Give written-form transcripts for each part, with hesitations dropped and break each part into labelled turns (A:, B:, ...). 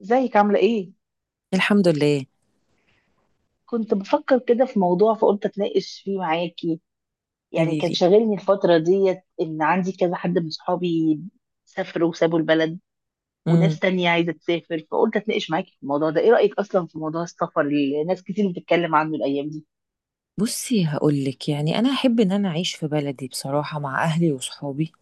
A: ازيك؟ عاملة ايه؟
B: الحمد لله.
A: كنت بفكر كده في موضوع فقلت اتناقش فيه معاكي. يعني
B: قولي
A: كان
B: لي.
A: شاغلني الفترة ديت ان عندي كذا حد من صحابي سافروا وسابوا البلد، وناس
B: امم.
A: تانية عايزة تسافر. فقلت اتناقش معاكي في الموضوع ده. ايه رأيك اصلا في موضوع السفر اللي ناس كتير بتتكلم عنه الايام دي؟
B: بصي، هقول لك، يعني انا احب ان انا اعيش في بلدي بصراحه مع اهلي وصحابي.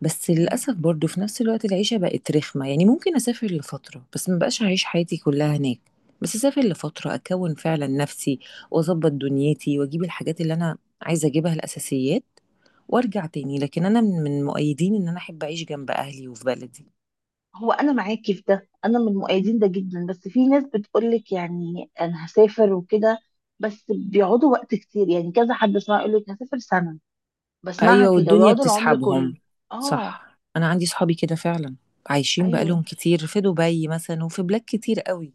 B: بس
A: مم.
B: للاسف برضو في نفس الوقت العيشه بقت رخمه، يعني ممكن اسافر لفتره، بس ما بقاش هعيش حياتي كلها هناك. بس اسافر لفتره اكون فعلا نفسي، واظبط دنيتي، واجيب الحاجات اللي انا عايزه اجيبها، الاساسيات، وارجع تاني. لكن انا من مؤيدين ان انا احب اعيش جنب اهلي وفي بلدي.
A: هو انا معاكي في ده، انا من مؤيدين ده جدا. بس في ناس بتقولك يعني انا هسافر وكده، بس بيقعدوا وقت كتير. يعني كذا حد اسمع يقولك هسافر سنة، بسمعها
B: ايوه،
A: كده
B: والدنيا
A: ويقعدوا العمر
B: بتسحبهم.
A: كله. اه.
B: صح، انا عندي صحابي كده فعلا، عايشين
A: ايوه.
B: بقالهم كتير في دبي مثلا وفي بلاد كتير قوي.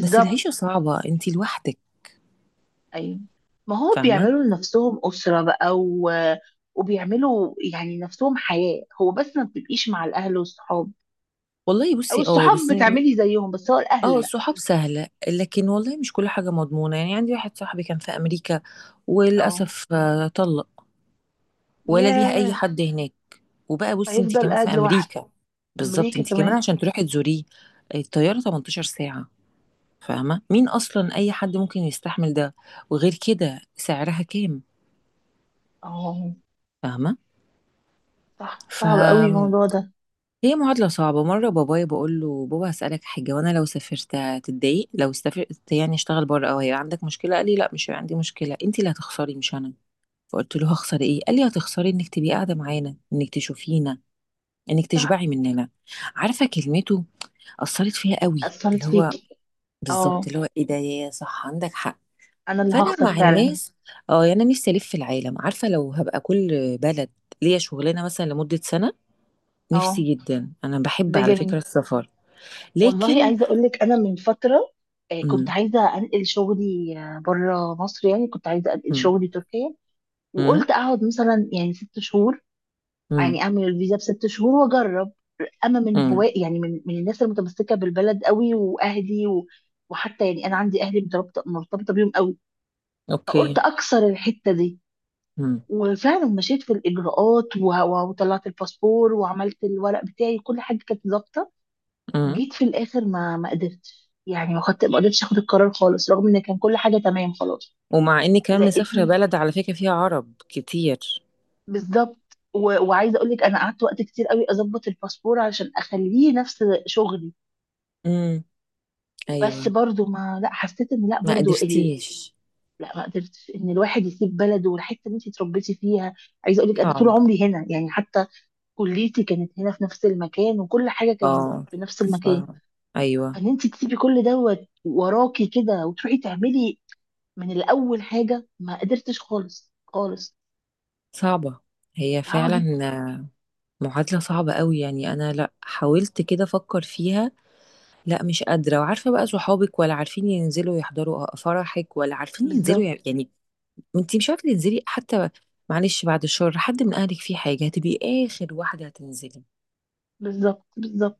B: بس العيشه صعبه انتي لوحدك.
A: ايوه، ما هو
B: فاهمه.
A: بيعملوا لنفسهم اسره بقى وبيعملوا يعني نفسهم حياه، هو بس ما بتبقيش مع الاهل والصحاب.
B: والله
A: او
B: بصي، اه،
A: الصحاب
B: بس.
A: بتعملي زيهم، بس هو الاهل
B: اه،
A: لا.
B: الصحاب سهله، لكن والله مش كل حاجه مضمونه. يعني عندي واحد صاحبي كان في امريكا،
A: اه.
B: وللاسف طلق، ولا ليها اي
A: ياه.
B: حد هناك. وبقى بصي، انتي
A: هيفضل
B: كمان في
A: قاعد لوحده.
B: امريكا، بالظبط،
A: امريكا
B: انتي كمان
A: كمان.
B: عشان تروحي تزوريه، الطياره 18 ساعه. فاهمة، مين أصلا أي حد ممكن يستحمل ده؟ وغير كده سعرها كام؟
A: اه،
B: فاهمة.
A: صح، صعب قوي الموضوع
B: فهي
A: ده.
B: معادلة صعبة. مرة بابايا بقول له: بابا هسألك حاجة، وأنا لو سافرت هتتضايق؟ لو سافرت يعني اشتغل بره، أو هيبقى عندك مشكلة؟ قال لي: لا، مش هيبقى عندي مشكلة، أنت اللي هتخسري مش أنا. فقلت له: هخسر إيه؟ قال لي: هتخسري إنك تبقي قاعدة معانا، إنك تشوفينا، إنك
A: صح.
B: تشبعي مننا. عارفة، كلمته أثرت فيها قوي،
A: اثرت
B: اللي هو
A: فيكي.
B: بالظبط،
A: اه،
B: اللي هو إيه ده، يا صح عندك حق.
A: انا اللي
B: فانا
A: هخسر
B: مع
A: فعلا.
B: الناس. اه، يعني أنا نفسي الف في العالم، عارفه لو هبقى كل بلد ليا شغلانه مثلا لمده سنه،
A: اه،
B: نفسي جدا. انا بحب
A: ده
B: على
A: جميل.
B: فكره السفر،
A: والله
B: لكن.
A: عايزه اقول لك انا من فتره كنت
B: مم.
A: عايزه انقل شغلي، بره مصر. يعني كنت عايزه انقل
B: مم.
A: شغلي تركيا،
B: مم.
A: وقلت اقعد مثلا يعني 6 شهور.
B: مم.
A: يعني اعمل الفيزا ب 6 شهور واجرب. اما من
B: مم.
A: هواء، يعني من الناس المتمسكه بالبلد قوي واهلي وحتى يعني انا عندي اهلي مرتبطه بيهم قوي. فقلت
B: اوكي.
A: اكسر الحته دي،
B: مم.
A: وفعلا مشيت في الاجراءات وطلعت الباسبور وعملت الورق بتاعي، كل حاجه كانت ظابطه.
B: مم.
A: جيت في الاخر ما ما قدرتش يعني ما خدت ما قدرتش اخد القرار خالص، رغم ان كان كل حاجه تمام خلاص.
B: ومع اني كمان
A: لقيت
B: مسافره بلد على فكره فيها عرب كتير.
A: بالظبط وعايزه اقول لك انا قعدت وقت كتير قوي اظبط الباسبور علشان اخليه نفس شغلي.
B: مم.
A: بس
B: ايوه.
A: برضو ما لا حسيت ان لا
B: ما
A: برضو
B: قدرتيش.
A: لا ما قدرتش ان الواحد يسيب بلده، والحته اللي انت اتربيتي فيها. عايزه اقول لك انا طول
B: صعب.
A: عمري هنا، يعني حتى كليتي كانت هنا في نفس المكان، وكل حاجه كانت
B: اه.
A: في نفس المكان.
B: صعب.
A: فان
B: ايوه.
A: انت تسيبي كل دوت وراكي كده وتروحي تعملي من الاول حاجه، ما قدرتش خالص خالص.
B: صعبه هي
A: هوا جيت
B: فعلا، معادلة صعبة قوي. يعني أنا لأ، حاولت كده أفكر فيها، لأ مش قادرة. وعارفة بقى، صحابك ولا عارفين ينزلوا يحضروا فرحك، ولا عارفين ينزلوا
A: بالظبط.
B: يعني أنتي مش عارفة تنزلي حتى. معلش، بعد الشر حد من أهلك فيه حاجة، هتبقي آخر واحدة هتنزلي.
A: بالظبط بالظبط.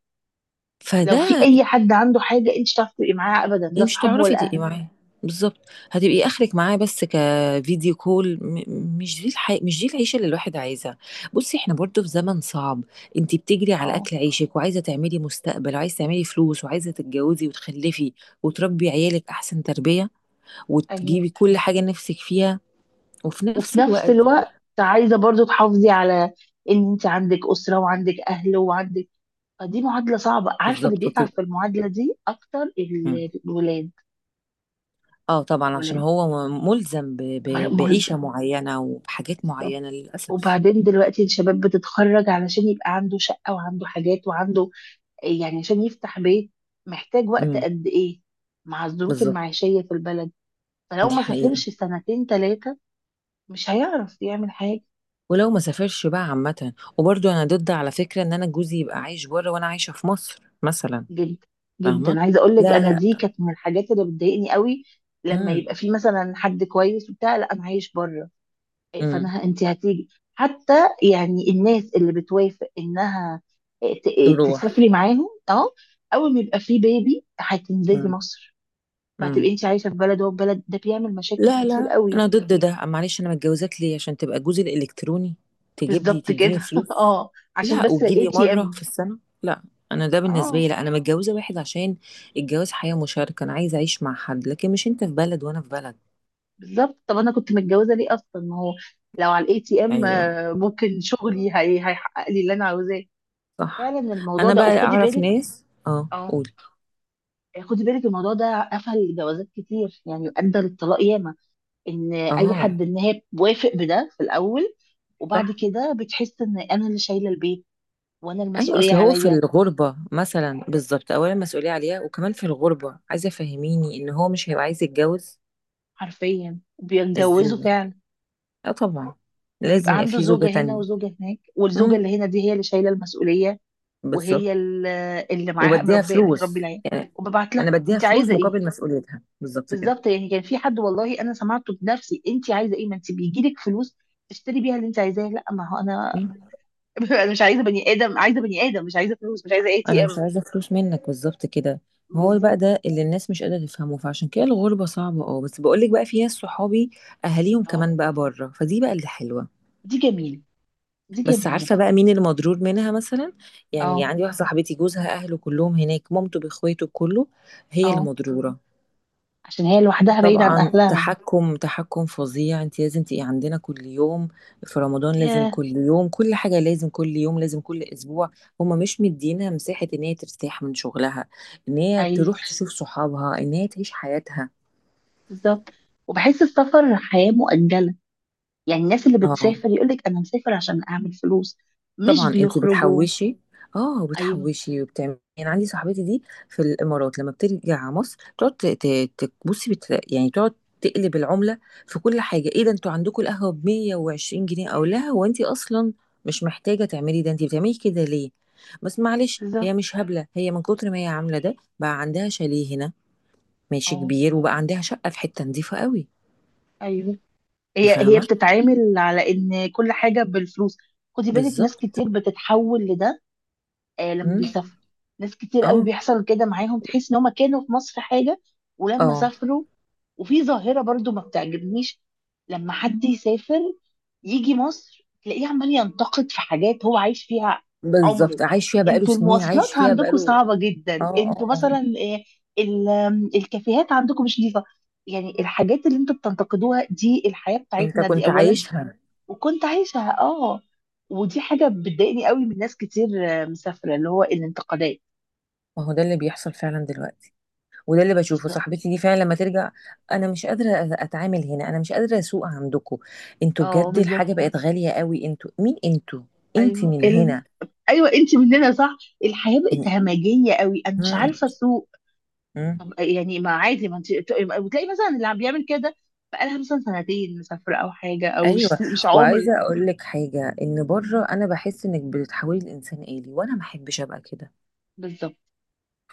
A: لو في
B: فده.
A: اي حد عنده حاجه انت مش هتعرفي تبقي معاه ابدا،
B: إيه،
A: لا
B: مش
A: صحابه
B: هتعرفي
A: ولا
B: تبقي
A: اهل.
B: معاه، بالظبط، هتبقي اخرك معاه بس كفيديو كول. مش دي العيشه اللي الواحد عايزها. بصي، احنا برضو في زمن صعب. انت بتجري على
A: اه.
B: اكل عيشك، وعايزه تعملي مستقبل، وعايزه تعملي فلوس، وعايزه تتجوزي وتخلفي، وتربي عيالك احسن تربيه،
A: ايوه،
B: وتجيبي كل حاجه نفسك فيها. وفي
A: وفي
B: نفس
A: نفس
B: الوقت،
A: الوقت عايزه برضو تحافظي على ان انت عندك اسره وعندك اهل وعندك. فدي معادله صعبه، عارفه اللي
B: بالظبط،
A: بيتعب في
B: وتبقى.
A: المعادله دي اكتر
B: مم.
A: الولاد.
B: اه طبعا، عشان
A: الولاد
B: هو ملزم
A: ملزم،
B: بعيشه معينه وبحاجات
A: بالظبط.
B: معينه، للاسف.
A: وبعدين دلوقتي الشباب بتتخرج علشان يبقى عنده شقه وعنده حاجات وعنده، يعني عشان يفتح بيت محتاج وقت
B: امم.
A: قد ايه؟ مع الظروف
B: بالظبط.
A: المعيشيه في البلد، فلو
B: دي
A: ما
B: حقيقه.
A: سافرش سنتين ثلاثه مش هيعرف يعمل حاجة.
B: ولو ما سافرش بقى عامة. وبرضو أنا ضد على فكرة إن أنا جوزي يبقى عايش بره وأنا عايشة في مصر مثلا.
A: جدا.
B: فاهمة؟
A: جدا، عايزة اقول لك
B: لا
A: انا دي
B: لا.
A: كانت من الحاجات اللي بتضايقني قوي. لما
B: امم.
A: يبقى في مثلا حد كويس وبتاع، لا انا عايش بره.
B: امم.
A: فانا انت هتيجي حتى. يعني الناس اللي بتوافق انها، آه، ت-
B: تروح.
A: تسافري معاهم، اه اول ما يبقى في بيبي هتنزلي
B: امم.
A: مصر.
B: امم.
A: فهتبقي انت عايشة في بلد وهو في بلد، ده بيعمل مشاكل
B: لا
A: كتير
B: لا،
A: قوي.
B: أنا ضد ده. معلش، أنا متجوزاك ليه؟ عشان تبقى جوزي الإلكتروني؟ تجيب لي،
A: بالظبط
B: تديني
A: كده.
B: فلوس؟
A: اه، عشان
B: لا،
A: بس اي
B: وتجيلي
A: تي
B: مرة في
A: ام.
B: السنة؟ لا. أنا ده بالنسبة
A: اه،
B: لي لا، أنا متجوزة واحد عشان الجواز حياة مشاركة، أنا عايزة أعيش مع حد، لكن مش أنت في بلد وأنا في بلد.
A: بالظبط. طب انا كنت متجوزه ليه اصلا؟ ما هو لو على الاي تي ام
B: أيوه.
A: ممكن شغلي هي هيحقق لي اللي انا عاوزاه.
B: صح.
A: فعلا الموضوع
B: أنا
A: ده،
B: بقى
A: وخدي
B: أعرف
A: بالك.
B: ناس، اه
A: اه،
B: قول.
A: خدي بالك، الموضوع ده قفل جوازات كتير، يعني ادى للطلاق ياما. ان اي
B: اه.
A: حد، ان هي بوافق بده في الاول، وبعد
B: صح.
A: كده بتحس ان انا اللي شايله البيت وانا
B: ايوه،
A: المسؤوليه
B: اصل هو في
A: عليا.
B: الغربه مثلا، بالظبط، اولا مسؤوليه عليها، وكمان في الغربه، عايزه فهميني ان هو مش هيبقى عايز يتجوز؟
A: حرفيا
B: ازاي
A: بيتجوزوا
B: يعني؟
A: فعلا،
B: اه طبعا، لازم
A: فبيبقى
B: يبقى
A: عنده
B: في زوجه
A: زوجه هنا
B: تانية.
A: وزوجه هناك، والزوجه
B: امم.
A: اللي هنا دي هي اللي شايله المسؤوليه.
B: بالظبط.
A: وهي ال- اللي معاها
B: وبديها
A: مربيه بتربي
B: فلوس
A: العيال،
B: يعني،
A: وببعت لها
B: انا بديها
A: انت
B: فلوس
A: عايزه ايه.
B: مقابل مسؤوليتها، بالظبط كده.
A: بالظبط. يعني كان في حد، والله انا سمعته بنفسي، انت عايزه ايه؟ ما انت بيجي لك فلوس تشتري بيها اللي انت عايزاه. لا ما هو انا،
B: مم.
A: انا مش عايزه بني ادم، عايزه بني ادم، مش عايزه فلوس، مش عايزه اي
B: انا
A: تي
B: مش
A: ام.
B: عايزه فلوس منك، بالظبط كده. ما هو بقى
A: بالظبط.
B: ده اللي الناس مش قادره تفهمه، فعشان كده الغربه صعبه. اه بس بقول لك، بقى في ناس صحابي اهاليهم
A: اه،
B: كمان بقى بره، فدي بقى اللي حلوه.
A: دي جميله، دي
B: بس
A: جميله
B: عارفة
A: بقى.
B: بقى مين المضرور منها مثلا؟ يعني
A: اه.
B: عندي واحدة صاحبتي جوزها أهله كلهم هناك، مامته بإخواته كله، هي اللي
A: اه،
B: مضرورة.
A: عشان هي لوحدها بعيده عن
B: طبعا،
A: اهلها.
B: تحكم تحكم فظيع. انت لازم تبقي عندنا كل يوم، في رمضان لازم
A: ياه.
B: كل يوم، كل حاجة لازم كل يوم، لازم كل أسبوع. هما مش مدينها مساحة إن هي ترتاح من شغلها، إن هي
A: اي،
B: تروح تشوف صحابها، إن هي تعيش حياتها.
A: بالظبط. وبحس السفر حياه مؤجله. يعني الناس اللي
B: اه.
A: بتسافر يقول لك انا مسافر عشان اعمل فلوس، مش
B: طبعا، انت
A: بيخرجوا.
B: بتحوشي. اه
A: ايوه.
B: وبتحوشي وبتعملي. يعني عندي صاحبتي دي في الامارات، لما بترجع مصر تقعد بصي، يعني تقعد تقلب العمله في كل حاجه: ايه ده، انتوا عندكم القهوه ب 120 جنيه؟ او لا، هو انت اصلا مش محتاجه تعملي ده، انت بتعملي كده ليه؟ بس معلش، هي
A: بالظبط.
B: مش هبله، هي من كتر ما هي عامله ده بقى عندها شاليه هنا ماشي
A: اه.
B: كبير، وبقى عندها شقه في حته نظيفه قوي.
A: ايوه،
B: انت
A: هي
B: فاهمه.
A: بتتعامل على ان كل حاجه بالفلوس. خدي بالك ناس
B: بالظبط.
A: كتير بتتحول لده. آه، لما
B: مم.
A: بيسافروا، ناس كتير قوي
B: اه.
A: بيحصل كده معاهم، تحس ان هم كانوا في مصر حاجه ولما
B: اه.
A: سافروا. وفي ظاهره برضو ما بتعجبنيش، لما حد يسافر يجي مصر تلاقيه عمال ينتقد في حاجات هو عايش فيها
B: بالظبط،
A: عمره.
B: عايش فيها بقاله
A: انتوا
B: سنين، عايش
A: المواصلات
B: فيها
A: عندكم
B: بقاله.
A: صعبة
B: اه
A: جدا،
B: اه
A: انتوا
B: اه.
A: مثلا إيه، ال- آم، الكافيهات عندكم مش نظيفة. يعني الحاجات اللي انتوا بتنتقدوها دي الحياة
B: انت
A: بتاعتنا دي
B: كنت
A: اولا.
B: عايشها.
A: وكنت عايشها، اه. ودي حاجة بتضايقني قوي من ناس كتير مسافرة، اللي هو الانتقادات.
B: ما هو ده اللي بيحصل فعلا دلوقتي، وده اللي بشوفه
A: بالظبط.
B: صاحبتي دي فعلا لما ترجع. انا مش قادره اتعامل هنا، انا مش قادره اسوق عندكم، انتوا
A: اه،
B: بجد
A: بالظبط.
B: الحاجه بقت غاليه قوي، انتوا مين، انتوا. انت
A: ايوه
B: من هنا.
A: ايوه انت مننا، صح؟ الحياة بقت
B: إن-
A: همجية قوي، انا مش
B: مم.
A: عارفة اسوق.
B: مم.
A: طب يعني ما عادي، ما انت. وتلاقي مثلا اللي عم بيعمل كده بقالها مثلا سنتين مسافرة او حاجة، او
B: ايوه،
A: مش عمر.
B: وعايزه اقول لك حاجه، ان بره
A: مم.
B: انا بحس انك بتحولي الانسان آلي، وانا ما احبش ابقى كده.
A: بالظبط.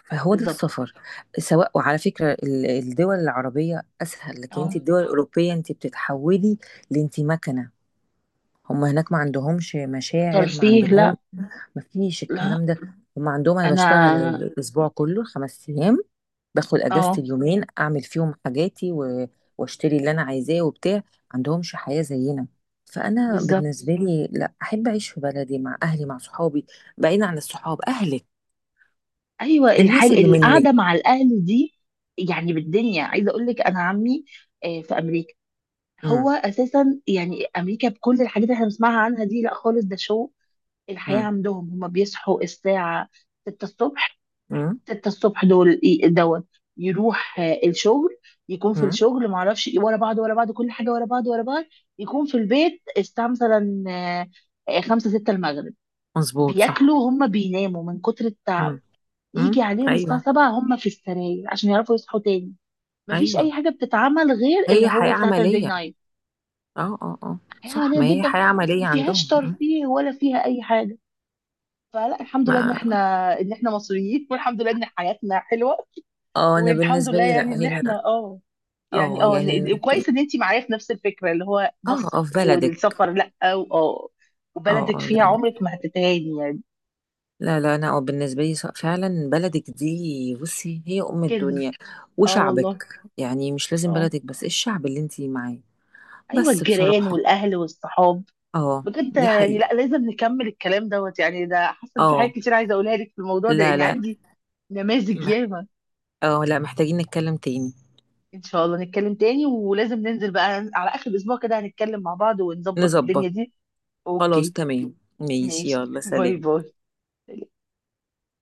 B: فهو ده
A: بالظبط.
B: السفر، سواء. وعلى فكره الدول العربيه اسهل، لكن انت
A: اه.
B: الدول الاوروبيه انت بتتحولي لانت مكنه. هم هناك ما عندهمش مشاعر، ما
A: ترفيه لا.
B: عندهم، ما فيش
A: لا.
B: الكلام ده. هم عندهم انا بشتغل
A: انا،
B: الاسبوع كله 5 ايام، باخد اجازة
A: اه،
B: اليومين اعمل فيهم حاجاتي، و... واشتري اللي انا عايزاه وبتاع. ما عندهمش حياة زينا. فانا
A: بالظبط.
B: بالنسبة لي لا، احب اعيش في بلدي مع اهلي مع صحابي، بعيد عن الصحاب، اهلك،
A: ايوه،
B: الناس
A: الحاجة
B: اللي منك.
A: القعدة مع الاهل دي يعني بالدنيا. عايزة اقول لك انا عمي في امريكا. هو
B: امم.
A: اساسا يعني امريكا بكل الحاجات اللي احنا بنسمعها عنها دي، لا خالص، ده شو. الحياة
B: امم.
A: عندهم هما بيصحوا الساعة 6 الصبح،
B: امم.
A: 6 الصبح. دول دوت، يروح الشغل، يكون في
B: امم.
A: الشغل ما اعرفش ايه، ورا بعض ورا بعض، كل حاجه ورا بعض ورا بعض. يكون في البيت الساعه مثلا خمسة ستة المغرب،
B: مظبوط، صح.
A: بياكلوا، هم بيناموا من كتر التعب.
B: امم. امم.
A: يجي عليهم
B: ايوه.
A: الساعه 7 هم في السراير عشان يعرفوا يصحوا تاني. مفيش
B: ايوه،
A: اي حاجه بتتعمل غير اللي
B: هي حياة
A: هو ساتردي
B: عملية.
A: نايت.
B: اه اه اه.
A: حياه
B: صح، ما
A: عمليه
B: هي
A: جدا،
B: حياة
A: ما
B: عملية
A: فيهاش
B: عندهم. م.
A: ترفيه ولا فيها اي حاجه. فلا، الحمد لله ان
B: ما.
A: احنا، ان احنا مصريين، والحمد لله ان حياتنا حلوه.
B: اه، انا
A: والحمد
B: بالنسبة
A: لله
B: لي
A: يعني
B: لا
A: ان
B: هنا.
A: احنا اه، يعني
B: اه
A: اه
B: يعني
A: كويس ان انت معايا في نفس الفكره، اللي هو
B: اه اه،
A: مصر
B: في بلدك.
A: والسفر لا اه
B: اه
A: وبلدك
B: اه.
A: فيها،
B: لا
A: عمرك ما هتتهاني يعني.
B: لا. لا انا اه بالنسبة لي، فعلا بلدك دي بصي هي ام
A: كنز.
B: الدنيا.
A: اه والله.
B: وشعبك، يعني مش لازم
A: اه.
B: بلدك بس، الشعب اللي انتي معاه.
A: ايوه،
B: بس
A: الجيران
B: بصراحة.
A: والاهل والصحاب.
B: اه.
A: بجد
B: دي
A: يعني،
B: حقيقة.
A: لا لازم نكمل الكلام دوت، يعني ده حاسه إن في حاجات
B: اه.
A: كتير عايزه اقولها لك في الموضوع ده،
B: لا
A: لان
B: لا.
A: عندي نماذج
B: مح-
A: ياما.
B: اه لا، محتاجين نتكلم تاني.
A: ان شاء الله نتكلم تاني، ولازم ننزل بقى على اخر الاسبوع كده، هنتكلم مع بعض ونظبط الدنيا
B: نظبط.
A: دي.
B: خلاص
A: اوكي.
B: تمام. ماشي،
A: ماشي.
B: يلا
A: باي
B: سلام.
A: باي.